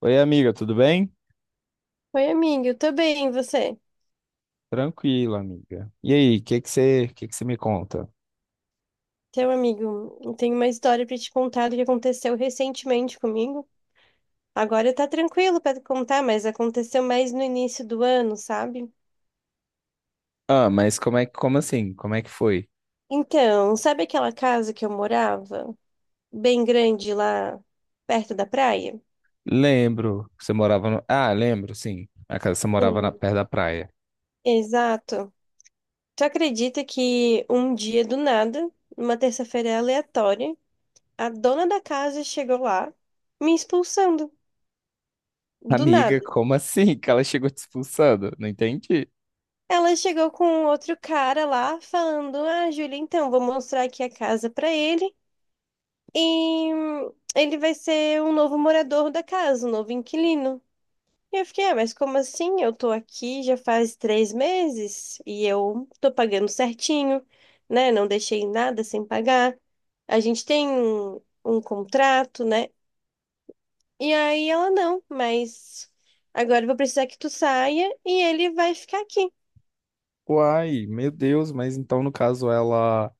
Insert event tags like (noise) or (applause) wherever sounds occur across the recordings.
Oi, amiga, tudo bem? Oi, amigo, eu tô bem, e você? Tranquilo, amiga. E aí, o que que você me conta? Seu amigo, eu tenho uma história pra te contar do que aconteceu recentemente comigo. Agora tá tranquilo pra contar, mas aconteceu mais no início do ano, sabe? Ah, mas como assim? Como é que foi? Então, sabe aquela casa que eu morava? Bem grande lá perto da praia? Lembro, você morava no... Ah, lembro, sim. A casa você morava na Sim. perto da praia. Exato. Tu acredita que um dia do nada, numa terça-feira aleatória, a dona da casa chegou lá me expulsando do nada? Amiga, como assim (laughs) que ela chegou te expulsando? Não entendi. Ela chegou com outro cara lá, falando: Ah, Júlia, então, vou mostrar aqui a casa pra ele. E ele vai ser o novo morador da casa, o novo inquilino. E eu fiquei: Ah, mas como assim? Eu tô aqui já faz 3 meses e eu tô pagando certinho, né? Não deixei nada sem pagar. A gente tem um contrato, né? E aí ela: Não, mas agora eu vou precisar que tu saia e ele vai ficar aqui. Uai, meu Deus, mas então no caso ela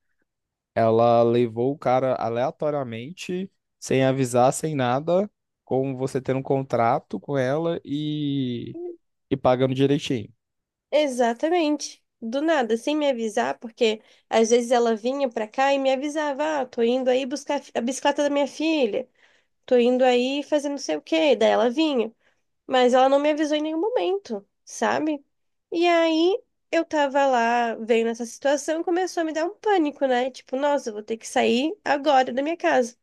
ela levou o cara aleatoriamente, sem avisar, sem nada, com você tendo um contrato com ela e pagando direitinho. Exatamente. Do nada, sem me avisar, porque às vezes ela vinha pra cá e me avisava: ah, tô indo aí buscar a bicicleta da minha filha, tô indo aí fazer não sei o quê. Daí ela vinha, mas ela não me avisou em nenhum momento, sabe? E aí eu tava lá, veio nessa situação, começou a me dar um pânico, né? Tipo, nossa, eu vou ter que sair agora da minha casa.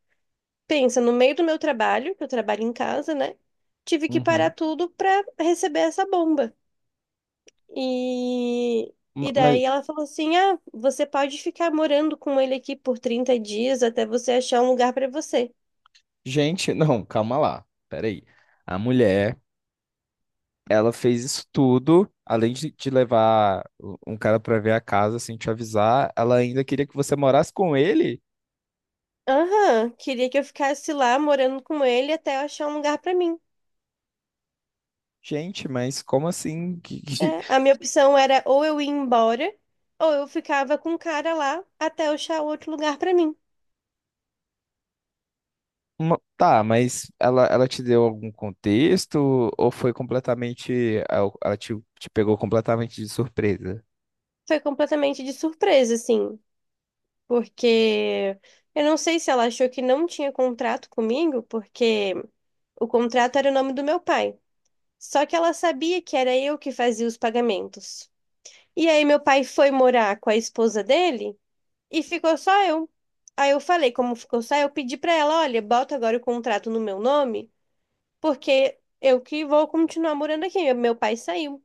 Pensa, no meio do meu trabalho, que eu trabalho em casa, né? Tive que parar Uhum. tudo pra receber essa bomba. E, Ma- e Mas daí ela falou assim: Ah, você pode ficar morando com ele aqui por 30 dias até você achar um lugar pra você. gente, (laughs) não, calma lá. Peraí. A mulher, ela fez isso tudo, além de te levar um cara pra ver a casa sem te avisar, ela ainda queria que você morasse com ele? Aham, queria que eu ficasse lá morando com ele até eu achar um lugar pra mim. Gente, mas como assim? (laughs) É, a minha opção era ou eu ir embora, ou eu ficava com o cara lá até eu achar outro lugar pra mim. Uma- Tá, mas ela te deu algum contexto ou foi completamente? Ela te, te pegou completamente de surpresa? Foi completamente de surpresa, assim, porque eu não sei se ela achou que não tinha contrato comigo, porque o contrato era o nome do meu pai. Só que ela sabia que era eu que fazia os pagamentos. E aí meu pai foi morar com a esposa dele e ficou só eu. Aí eu falei, como ficou só eu, pedi pra ela, olha, bota agora o contrato no meu nome, porque eu que vou continuar morando aqui. Meu pai saiu.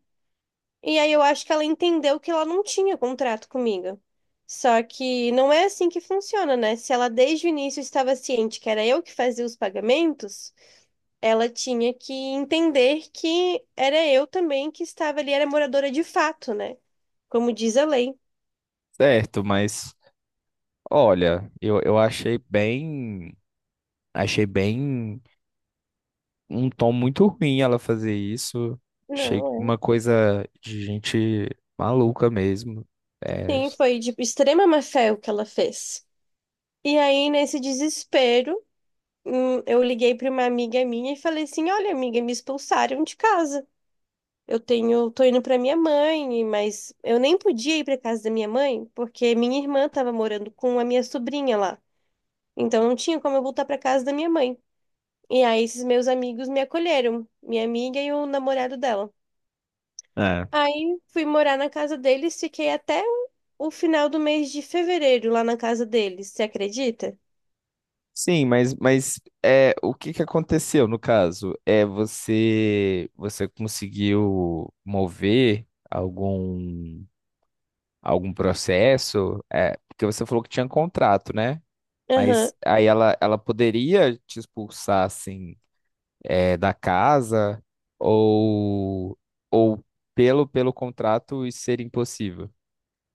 E aí eu acho que ela entendeu que ela não tinha contrato comigo. Só que não é assim que funciona, né? Se ela desde o início estava ciente que era eu que fazia os pagamentos, ela tinha que entender que era eu também que estava ali, era moradora de fato, né? Como diz a lei. Certo, mas olha, eu achei bem. Achei bem um tom muito ruim ela fazer isso. Achei Não, uma coisa de gente maluca mesmo. é. É, Sim, foi de extrema má-fé o que ela fez. E aí, nesse desespero, eu liguei para uma amiga minha e falei assim: Olha, amiga, me expulsaram de casa. Eu tenho, tô indo pra minha mãe, mas eu nem podia ir pra casa da minha mãe, porque minha irmã tava morando com a minha sobrinha lá. Então não tinha como eu voltar pra casa da minha mãe. E aí esses meus amigos me acolheram, minha amiga e o namorado dela. é. Aí fui morar na casa deles, fiquei até o final do mês de fevereiro lá na casa deles, você acredita? Sim, mas é, o que que aconteceu no caso? É você você conseguiu mover algum processo? É, porque você falou que tinha contrato, né? Aham. Mas aí ela poderia te expulsar assim, da casa, ou, ou pelo, pelo contrato isso ser impossível.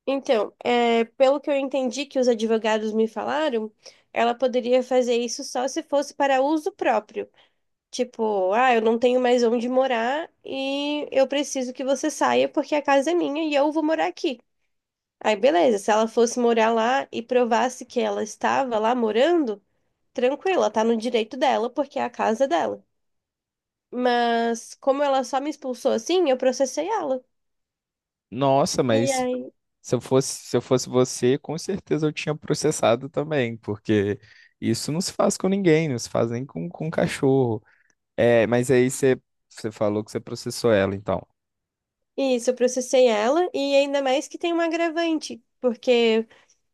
Então, é, pelo que eu entendi que os advogados me falaram, ela poderia fazer isso só se fosse para uso próprio. Tipo, ah, eu não tenho mais onde morar e eu preciso que você saia porque a casa é minha e eu vou morar aqui. Aí, beleza, se ela fosse morar lá e provasse que ela estava lá morando, tranquilo, ela tá no direito dela porque é a casa dela. Mas como ela só me expulsou assim, eu processei ela. Nossa, E mas aí, se eu fosse você, com certeza eu tinha processado também, porque isso não se faz com ninguém, não se faz nem com um cachorro. É, mas aí você, você falou que você processou ela, então. isso, eu processei ela e ainda mais que tem um agravante, porque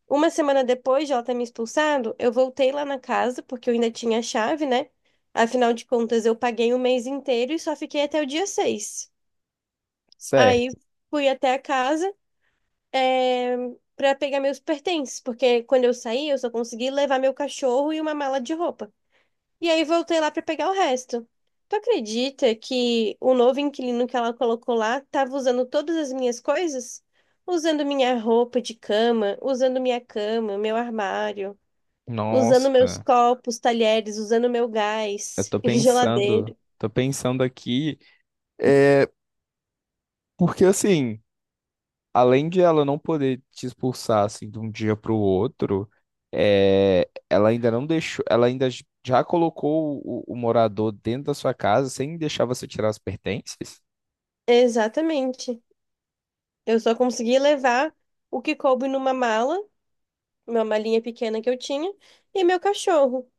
uma semana depois de ela ter me expulsado, eu voltei lá na casa, porque eu ainda tinha a chave, né? Afinal de contas, eu paguei o mês inteiro e só fiquei até o dia 6. Aí Certo. fui até a casa, é, para pegar meus pertences, porque quando eu saí, eu só consegui levar meu cachorro e uma mala de roupa. E aí voltei lá para pegar o resto. Tu acredita que o novo inquilino que ela colocou lá estava usando todas as minhas coisas? Usando minha roupa de cama, usando minha cama, meu armário. Usando meus Nossa, copos, talheres, usando meu eu gás, (laughs) e geladeira. tô pensando aqui, é, porque assim, além de ela não poder te expulsar assim de um dia para o outro, é, ela ainda não deixou, ela ainda já colocou o morador dentro da sua casa sem deixar você tirar as pertences? Exatamente. Eu só consegui levar o que coube numa mala, uma malinha pequena que eu tinha, e meu cachorro.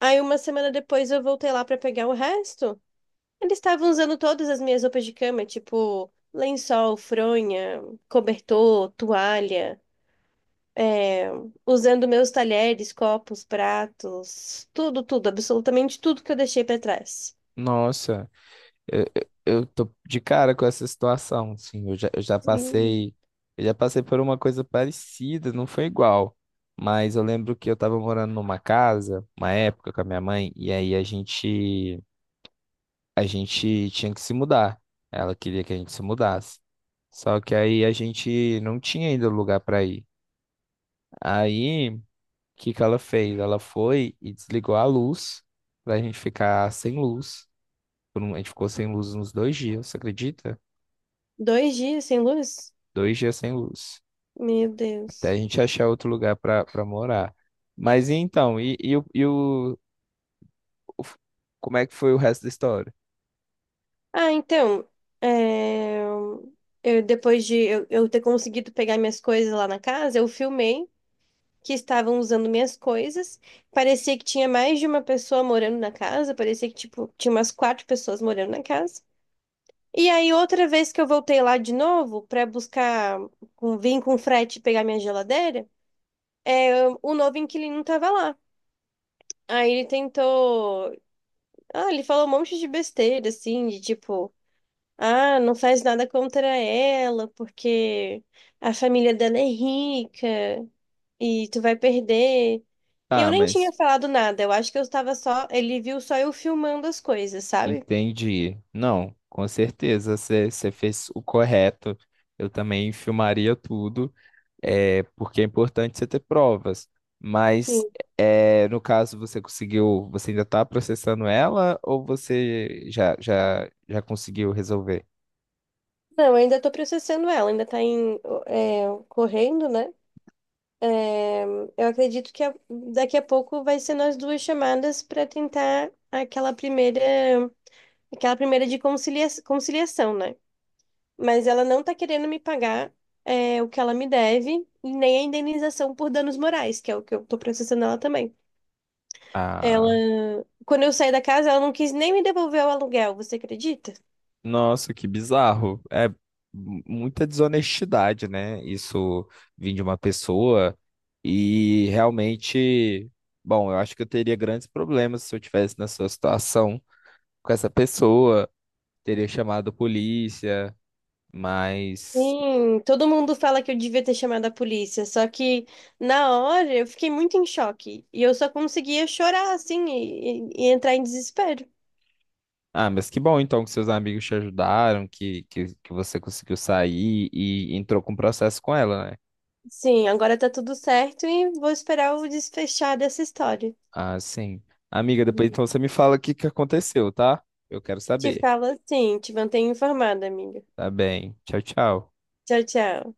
Aí uma semana depois eu voltei lá para pegar o resto. Eles estavam usando todas as minhas roupas de cama, tipo lençol, fronha, cobertor, toalha, é, usando meus talheres, copos, pratos, tudo, tudo, absolutamente tudo que eu deixei para trás. Nossa, eu tô de cara com essa situação, sim. Eu já Sim. Eu já passei por uma coisa parecida, não foi igual. Mas eu lembro que eu tava morando numa casa, uma época com a minha mãe, e aí a gente tinha que se mudar. Ela queria que a gente se mudasse. Só que aí a gente não tinha ainda lugar para ir. Aí, o que que ela fez? Ela foi e desligou a luz pra gente ficar sem luz. A gente ficou sem luz uns dois dias, você acredita? 2 dias sem luz? Dois dias sem luz. Meu Até a Deus. gente achar outro lugar para morar. Mas e então, o f- como é que foi o resto da história? Ah, então, é, eu, depois de eu ter conseguido pegar minhas coisas lá na casa, eu filmei que estavam usando minhas coisas. Parecia que tinha mais de uma pessoa morando na casa, parecia que, tipo, tinha umas 4 pessoas morando na casa. E aí, outra vez que eu voltei lá de novo para buscar, vim com frete pegar minha geladeira, é, o novo inquilino tava lá. Aí ele tentou. Ah, ele falou um monte de besteira, assim, de tipo. Ah, não faz nada contra ela, porque a família dela é rica e tu vai perder. E eu Ah, nem tinha mas falado nada, eu acho que eu estava só. Ele viu só eu filmando as coisas, sabe? entendi. Não, com certeza você fez o correto. Eu também filmaria tudo. É, porque é importante você ter provas. Mas Sim. é, no caso você conseguiu, você ainda está processando ela ou você já conseguiu resolver? Não, eu ainda tô processando ela, ainda tá em, correndo, né? É, eu acredito que daqui a pouco vai ser nós duas chamadas para tentar aquela primeira de conciliação, né? Mas ela não tá querendo me pagar o que ela me deve, e nem a indenização por danos morais, que é o que eu tô processando ela também. Ah, Ela, quando eu saí da casa, ela não quis nem me devolver o aluguel, você acredita? nossa, que bizarro. É muita desonestidade, né? Isso vir de uma pessoa. E realmente, bom, eu acho que eu teria grandes problemas se eu tivesse na sua situação com essa pessoa, teria chamado a polícia, mas... Sim, todo mundo fala que eu devia ter chamado a polícia, só que na hora eu fiquei muito em choque e eu só conseguia chorar assim e entrar em desespero. Ah, mas que bom então que seus amigos te ajudaram, que, que você conseguiu sair e entrou com o processo com ela, né? Sim, agora tá tudo certo e vou esperar o desfechar dessa história. Ah, sim. Amiga, depois Uhum. então você me fala o que que aconteceu, tá? Eu quero Te saber. falo assim, te mantenho informada, amiga. Tá bem. Tchau, tchau. Tchau, tchau.